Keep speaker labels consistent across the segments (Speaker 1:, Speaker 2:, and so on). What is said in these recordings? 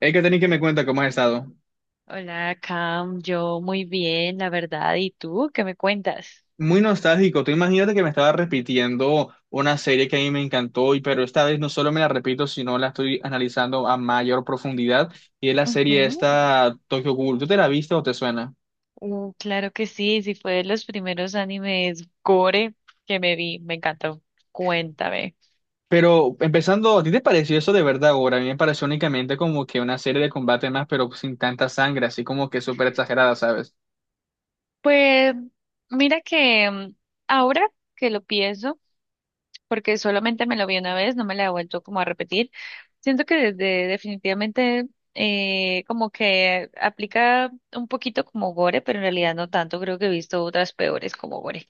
Speaker 1: Hay que tener que me cuenta cómo has estado.
Speaker 2: Hola, Cam. Yo muy bien, la verdad. ¿Y tú qué me cuentas?
Speaker 1: Muy nostálgico. Tú imagínate que me estaba repitiendo una serie que a mí me encantó, y pero esta vez no solo me la repito, sino la estoy analizando a mayor profundidad. Y es la serie
Speaker 2: Ujú.
Speaker 1: esta Tokyo Ghoul. ¿Tú te la viste o te suena?
Speaker 2: Claro que sí, sí fue de los primeros animes gore que me vi. Me encantó. Cuéntame.
Speaker 1: Pero empezando, ¿a ti te pareció eso de verdad ahora? A mí me pareció únicamente como que una serie de combate más, pero sin tanta sangre, así como que súper exagerada, ¿sabes?
Speaker 2: Pues mira que ahora que lo pienso, porque solamente me lo vi una vez, no me la he vuelto como a repetir. Siento que desde definitivamente como que aplica un poquito como gore, pero en realidad no tanto. Creo que he visto otras peores como gore.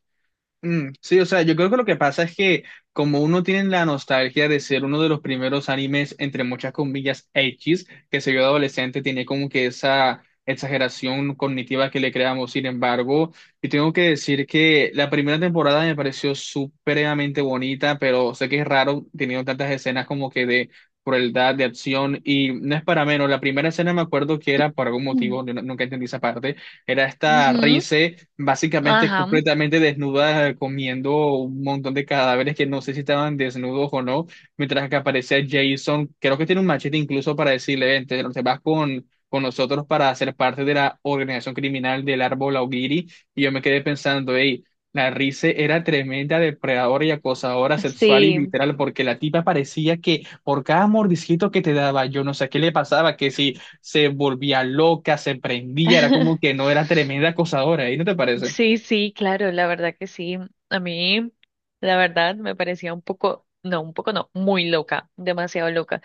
Speaker 1: Mm, sí, o sea, yo creo que lo que pasa es que como uno tiene la nostalgia de ser uno de los primeros animes, entre muchas comillas, X, que se vio adolescente, tiene como que esa exageración cognitiva que le creamos. Sin embargo, y tengo que decir que la primera temporada me pareció supremamente bonita, pero sé que es raro teniendo tantas escenas como que de crueldad, de acción, y no es para menos. La primera escena me acuerdo que era, por algún motivo, yo no- nunca entendí esa parte, era esta
Speaker 2: Ujú.
Speaker 1: risa básicamente
Speaker 2: Ajá.
Speaker 1: completamente desnuda comiendo un montón de cadáveres que no sé si estaban desnudos o no, mientras que aparece Jason, creo que tiene un machete incluso para decirle, "Ven, te vas con nosotros para ser parte de la organización criminal del árbol Augiri, y yo me quedé pensando, hey, la Rize era tremenda depredadora y acosadora sexual y
Speaker 2: Sí.
Speaker 1: literal, porque la tipa parecía que por cada mordisquito que te daba, yo no sé qué le pasaba, que si se volvía loca, se prendía, era como que no era tremenda acosadora, ¿y no te parece?
Speaker 2: Sí, sí, claro, la verdad que sí. A mí, la verdad, me parecía un poco no, muy loca, demasiado loca.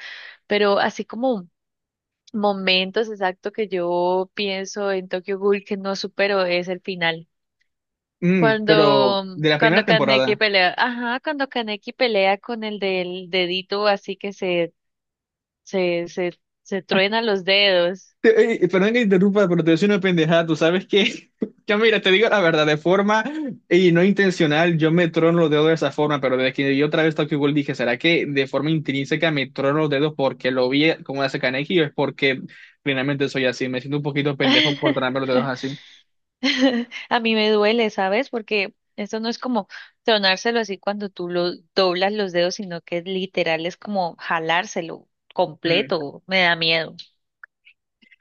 Speaker 2: Pero así como momentos exactos que yo pienso en Tokyo Ghoul que no supero es el final.
Speaker 1: Mm, pero
Speaker 2: Cuando,
Speaker 1: de la primera
Speaker 2: cuando Kaneki
Speaker 1: temporada.
Speaker 2: pelea, ajá, cuando Kaneki pelea con el del dedito así que se truena los dedos.
Speaker 1: Perdón que interrumpa, pero te decía una pendejada, tú sabes que, yo mira, te digo la verdad, de forma y no intencional, yo me trono los dedos de esa forma, pero desde que yo otra vez Tokyo Ghoul dije, ¿será que de forma intrínseca me trono los dedos porque lo vi como hace Kaneki o es porque plenamente soy así? Me siento un poquito pendejo por tronarme los dedos así.
Speaker 2: A mí me duele, ¿sabes? Porque esto no es como tronárselo así cuando tú lo doblas los dedos, sino que literal es como jalárselo completo. Me da miedo.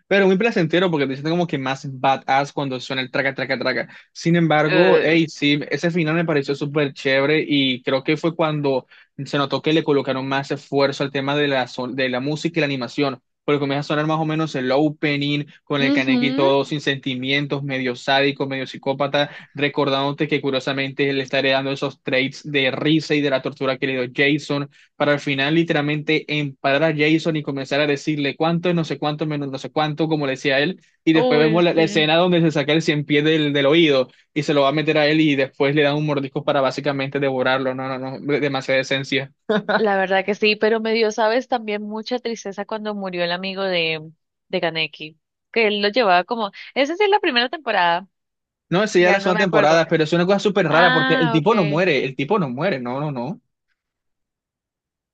Speaker 1: Pero muy placentero porque te sientes como que más badass cuando suena el traca, traca, traca. Sin embargo,
Speaker 2: Eh,
Speaker 1: hey, sí, ese final me pareció súper chévere y creo que fue cuando se notó que le colocaron más esfuerzo al tema de de la música y la animación. Porque comienza a sonar más o menos el opening con el
Speaker 2: Ujú.
Speaker 1: Kaneki todo sin sentimientos, medio sádico, medio psicópata, recordándote que curiosamente le estaré dando esos traits de risa y de la tortura que le dio Jason para al final literalmente emparar a Jason y comenzar a decirle cuánto, es no sé cuánto, menos no sé cuánto, como le decía él, y después
Speaker 2: Uy,
Speaker 1: vemos la
Speaker 2: sí.
Speaker 1: escena donde se saca el cien pies del oído y se lo va a meter a él y después le dan un mordisco para básicamente devorarlo, no, no, no, demasiada esencia.
Speaker 2: La verdad que sí, pero me dio, ¿sabes? También mucha tristeza cuando murió el amigo de Kaneki, que él lo llevaba como, esa sí es la primera temporada,
Speaker 1: No, esa ya es la
Speaker 2: ya no me
Speaker 1: segunda
Speaker 2: acuerdo.
Speaker 1: temporada, pero es una cosa súper rara porque el
Speaker 2: Ah, ok.
Speaker 1: tipo no muere, el tipo no muere, no, no, no.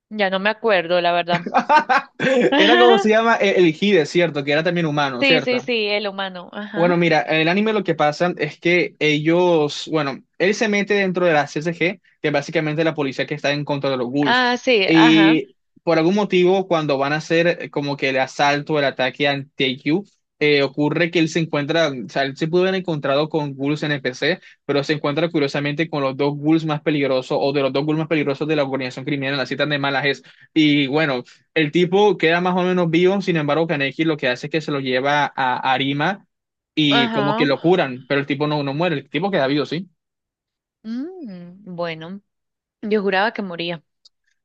Speaker 2: Ya no me acuerdo, la verdad.
Speaker 1: Era como se llama el Hide, ¿cierto? Que era también humano,
Speaker 2: Sí,
Speaker 1: ¿cierto?
Speaker 2: sí, sí, el humano.
Speaker 1: Bueno,
Speaker 2: Ajá.
Speaker 1: mira, en el anime lo que pasa es que ellos, bueno, él se mete dentro de la CSG, que es básicamente la policía que está en contra de los ghouls.
Speaker 2: Ah, sí, ajá,
Speaker 1: Y por algún motivo, cuando van a hacer como que el asalto, el ataque a Taekyu, ocurre que él se encuentra, o sea, él se pudo haber encontrado con ghouls NPC, pero se encuentra curiosamente con los dos ghouls más peligrosos, o de los dos ghouls más peligrosos de la organización criminal, la citan de malas es. Y bueno, el tipo queda más o menos vivo, sin embargo, Kaneki lo que hace es que se lo lleva a Arima y como que
Speaker 2: ajá.
Speaker 1: lo curan, pero el tipo no, no muere, el tipo queda vivo, ¿sí?
Speaker 2: Mm, bueno, yo juraba que moría.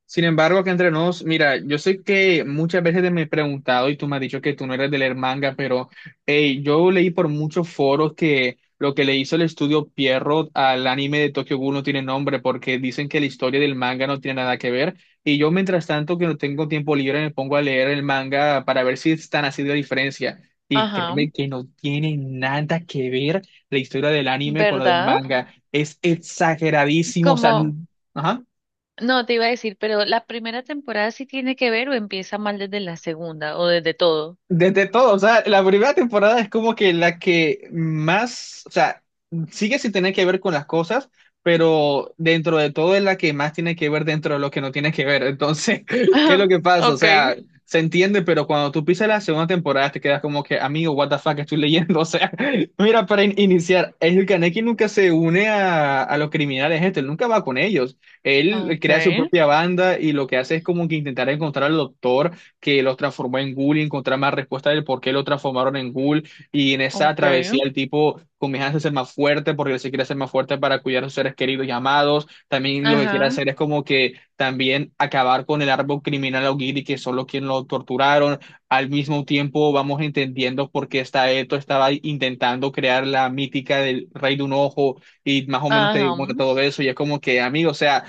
Speaker 1: Sin embargo, acá entre nos, mira, yo sé que muchas veces te me he preguntado y tú me has dicho que tú no eres de leer manga, pero hey, yo leí por muchos foros que lo que le hizo el estudio Pierrot al anime de Tokyo Ghoul no tiene nombre porque dicen que la historia del manga no tiene nada que ver. Y yo, mientras tanto, que no tengo tiempo libre, me pongo a leer el manga para ver si es tan así de la diferencia. Y
Speaker 2: Ajá,
Speaker 1: créeme que no tiene nada que ver la historia del anime con la del
Speaker 2: ¿verdad?
Speaker 1: manga. Es exageradísimo, o sea,
Speaker 2: Como,
Speaker 1: n- ajá.
Speaker 2: no te iba a decir, pero la primera temporada sí tiene que ver o empieza mal desde la segunda o desde todo.
Speaker 1: Desde todo, o sea, la primera temporada es como que la que más, o sea, sigue sin tener que ver con las cosas, pero dentro de todo es la que más tiene que ver dentro de lo que no tiene que ver. Entonces, ¿qué es lo que pasa? O
Speaker 2: Okay,
Speaker 1: sea, se entiende, pero cuando tú pisas la segunda temporada te quedas como que, amigo, what the fuck estoy leyendo. O sea, mira, para iniciar, el Kaneki nunca se une a los criminales, este, él nunca va con ellos. Él crea su
Speaker 2: okay,
Speaker 1: propia banda y lo que hace es como que intentar encontrar al doctor que los transformó en ghoul y encontrar más respuestas del por qué lo transformaron en ghoul. Y en esa
Speaker 2: okay.
Speaker 1: travesía el tipo comienza a ser más fuerte porque él se quiere hacer más fuerte para cuidar a sus seres queridos y amados. También lo que quiere
Speaker 2: Ajá,
Speaker 1: hacer es como que también acabar con el árbol criminal Augiri, que son los quienes lo torturaron. Al mismo tiempo vamos entendiendo por qué está esto, estaba intentando crear la mítica del rey de un ojo y más o menos te
Speaker 2: ajá.
Speaker 1: muestra todo eso y es como que, amigo, o sea,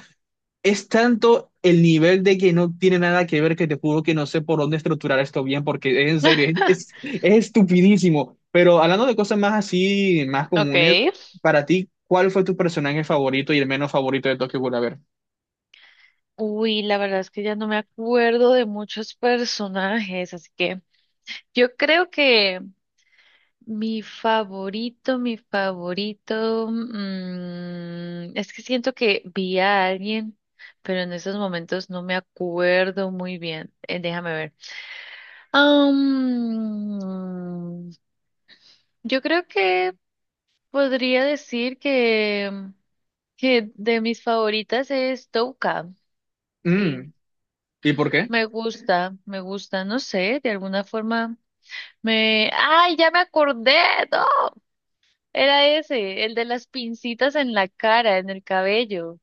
Speaker 1: es tanto el nivel de que no tiene nada que ver que te juro que no sé por dónde estructurar esto bien, porque en serio, es estupidísimo. Pero hablando de cosas más así, más comunes,
Speaker 2: Okay.
Speaker 1: para ti, ¿cuál fue tu personaje favorito y el menos favorito de Tokyo Ghoul? A ver.
Speaker 2: Uy, la verdad es que ya no me acuerdo de muchos personajes, así que yo creo que mi favorito, mi favorito, es que siento que vi a alguien, pero en estos momentos no me acuerdo muy bien. Déjame ver. Am, yo creo que podría decir que de mis favoritas es Touka. Sí,
Speaker 1: Mm, ¿y por qué?
Speaker 2: me gusta, no sé, de alguna forma me... ¡Ay, ya me acordé! ¡No! Era ese, el de las pincitas en la cara, en el cabello.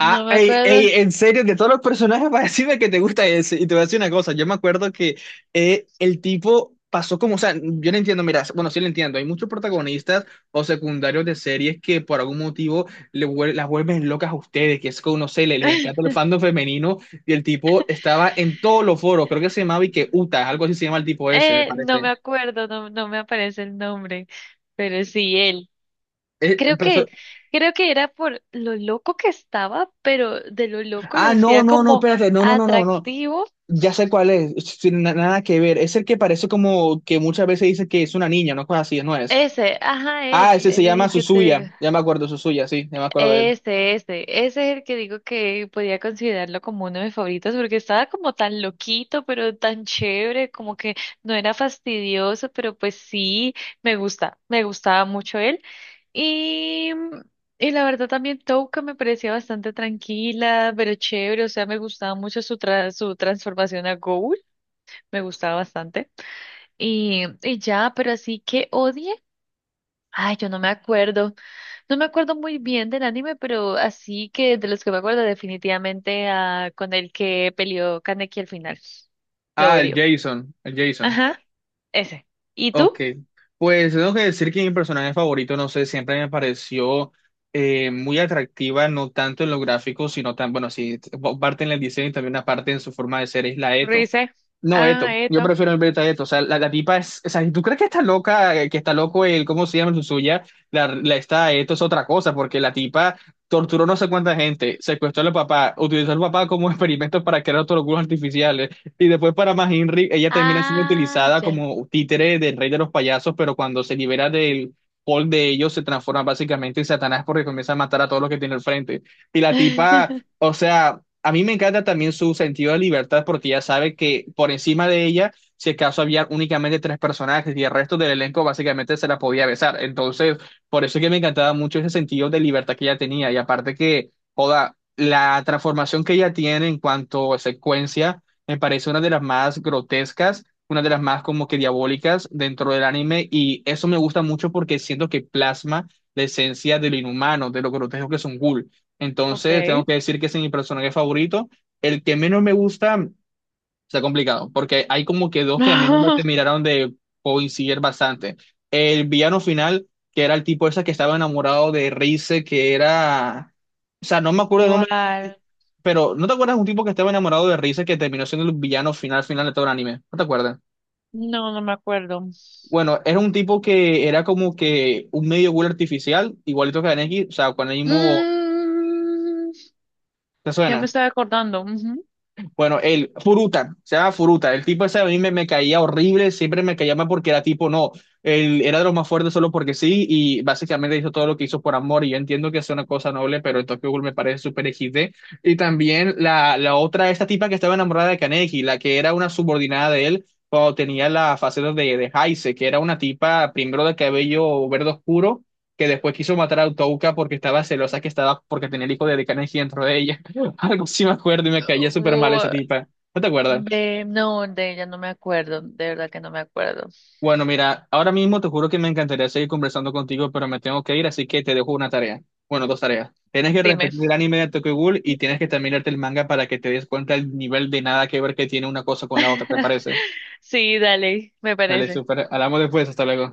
Speaker 2: No me
Speaker 1: ey,
Speaker 2: acuerdo.
Speaker 1: ey, en serio, de todos los personajes, para decirme que te gusta ese. Y te voy a decir una cosa, yo me acuerdo que el tipo pasó como, o sea, yo no entiendo, mira, bueno, sí lo entiendo, hay muchos protagonistas o secundarios de series que por algún motivo las vuelven locas a ustedes, que es como, no sé, les, encanta el fandom femenino y el tipo estaba en todos los foros, creo que se llamaba y que Uta, algo así se llama el tipo ese, me
Speaker 2: No me
Speaker 1: parece.
Speaker 2: acuerdo, no, no me aparece el nombre, pero sí él.
Speaker 1: Eh,
Speaker 2: Creo que,
Speaker 1: empezó-
Speaker 2: creo que era por lo loco que estaba, pero de lo loco lo
Speaker 1: ah, no,
Speaker 2: hacía
Speaker 1: no, no,
Speaker 2: como
Speaker 1: espérate, no, no, no, no, no.
Speaker 2: atractivo.
Speaker 1: Ya sé cuál es, sin nada que ver. Es el que parece como que muchas veces dice que es una niña, no cosas así, no es.
Speaker 2: Ese, ajá,
Speaker 1: Ah,
Speaker 2: él,
Speaker 1: ese se
Speaker 2: él es
Speaker 1: llama
Speaker 2: el que te digo.
Speaker 1: Suzuya. Ya me acuerdo, Suzuya, sí, ya me acuerdo de él.
Speaker 2: Este, ese es el que digo que podía considerarlo como uno de mis favoritos porque estaba como tan loquito, pero tan chévere, como que no era fastidioso, pero pues sí, me gusta, me gustaba mucho él. Y, y la verdad también Touka me parecía bastante tranquila, pero chévere, o sea, me gustaba mucho su, tra- su transformación a Ghoul, me gustaba bastante. Y ya, pero así que odie, ay, yo no me acuerdo. No me acuerdo muy bien del anime, pero así que de los que me acuerdo definitivamente ah, con el que peleó Kaneki al final. Lo
Speaker 1: Ah, el
Speaker 2: odio.
Speaker 1: Jason, el Jason.
Speaker 2: Ajá, ese. ¿Y tú?
Speaker 1: Ok. Pues tengo que decir que mi personaje favorito, no sé, siempre me pareció muy atractiva, no tanto en lo gráfico, sino tan, bueno, sí, parte en el diseño y también una parte en su forma de ser, es la Eto.
Speaker 2: Rize.
Speaker 1: No,
Speaker 2: Ah,
Speaker 1: Eto. Yo
Speaker 2: esto.
Speaker 1: prefiero el a Eto. O sea, la tipa es. O sea, si tú crees que está loca, que está loco el, ¿cómo se llama el suya? La está Eto es otra cosa, porque la tipa torturó no sé cuánta gente, secuestró al papá, utilizó al papá como experimento para crear otros culos artificiales. Y después, para más Henry, ella termina siendo
Speaker 2: Ah,
Speaker 1: utilizada
Speaker 2: ya.
Speaker 1: como títere del rey de los payasos, pero cuando se libera del hall de ellos, se transforma básicamente en Satanás porque comienza a matar a todos los que tiene al frente. Y la tipa. O sea, a mí me encanta también su sentido de libertad porque ya sabe que por encima de ella, si acaso había únicamente tres personajes y el resto del elenco básicamente se la podía besar. Entonces, por eso es que me encantaba mucho ese sentido de libertad que ella tenía. Y aparte que, joda, la transformación que ella tiene en cuanto a secuencia me parece una de las más grotescas, una de las más como que diabólicas dentro del anime. Y eso me gusta mucho porque siento que plasma la esencia de lo inhumano, de lo grotesco que son Ghoul.
Speaker 2: Ok.
Speaker 1: Entonces, tengo que decir que ese es mi personaje favorito. El que menos me gusta está complicado, porque hay como que dos que a mí no me
Speaker 2: No,
Speaker 1: terminaron de coincidir bastante. El villano final, que era el tipo ese que estaba enamorado de Rize, que era... O sea, no me acuerdo el nombre,
Speaker 2: ¿cuál?
Speaker 1: pero ¿no te acuerdas de un tipo que estaba enamorado de Rize que terminó siendo el villano final final de todo el anime? ¿No te acuerdas?
Speaker 2: No, no me acuerdo.
Speaker 1: Bueno, era un tipo que era como que un medio ghoul artificial, igualito que Kaneki, o sea, con el mismo...
Speaker 2: Mm,
Speaker 1: ¿Te
Speaker 2: ya me
Speaker 1: suena?
Speaker 2: estaba acordando. Ujú.
Speaker 1: Bueno, él, Furuta, se llama Furuta. El tipo ese a mí me caía horrible, siempre me caía mal porque era tipo, no, él era de los más fuertes solo porque sí y básicamente hizo todo lo que hizo por amor y yo entiendo que es una cosa noble, pero el Tokyo Ghoul me parece súper XD. Y también la otra, esta tipa que estaba enamorada de Kaneki, la que era una subordinada de él cuando tenía la faceta de Heise, que era una tipa primero de cabello verde oscuro que después quiso matar a Utouka porque estaba celosa que estaba porque tenía el hijo de Kaneki dentro de ella. Algo sí me acuerdo y me caía súper mal esa
Speaker 2: Uh,
Speaker 1: tipa. ¿No te acuerdas?
Speaker 2: de, no, de ella no me acuerdo. De verdad que no me acuerdo.
Speaker 1: Bueno, mira, ahora mismo te juro que me encantaría seguir conversando contigo, pero me tengo que ir, así que te dejo una tarea. Bueno, dos tareas. Tienes que
Speaker 2: Dime.
Speaker 1: repetir el anime de Tokyo Ghoul y tienes que también leerte el manga para que te des cuenta el nivel de nada que ver que tiene una cosa con la otra, ¿te parece?
Speaker 2: Sí, dale, me
Speaker 1: Dale,
Speaker 2: parece.
Speaker 1: súper. Hablamos después, hasta luego.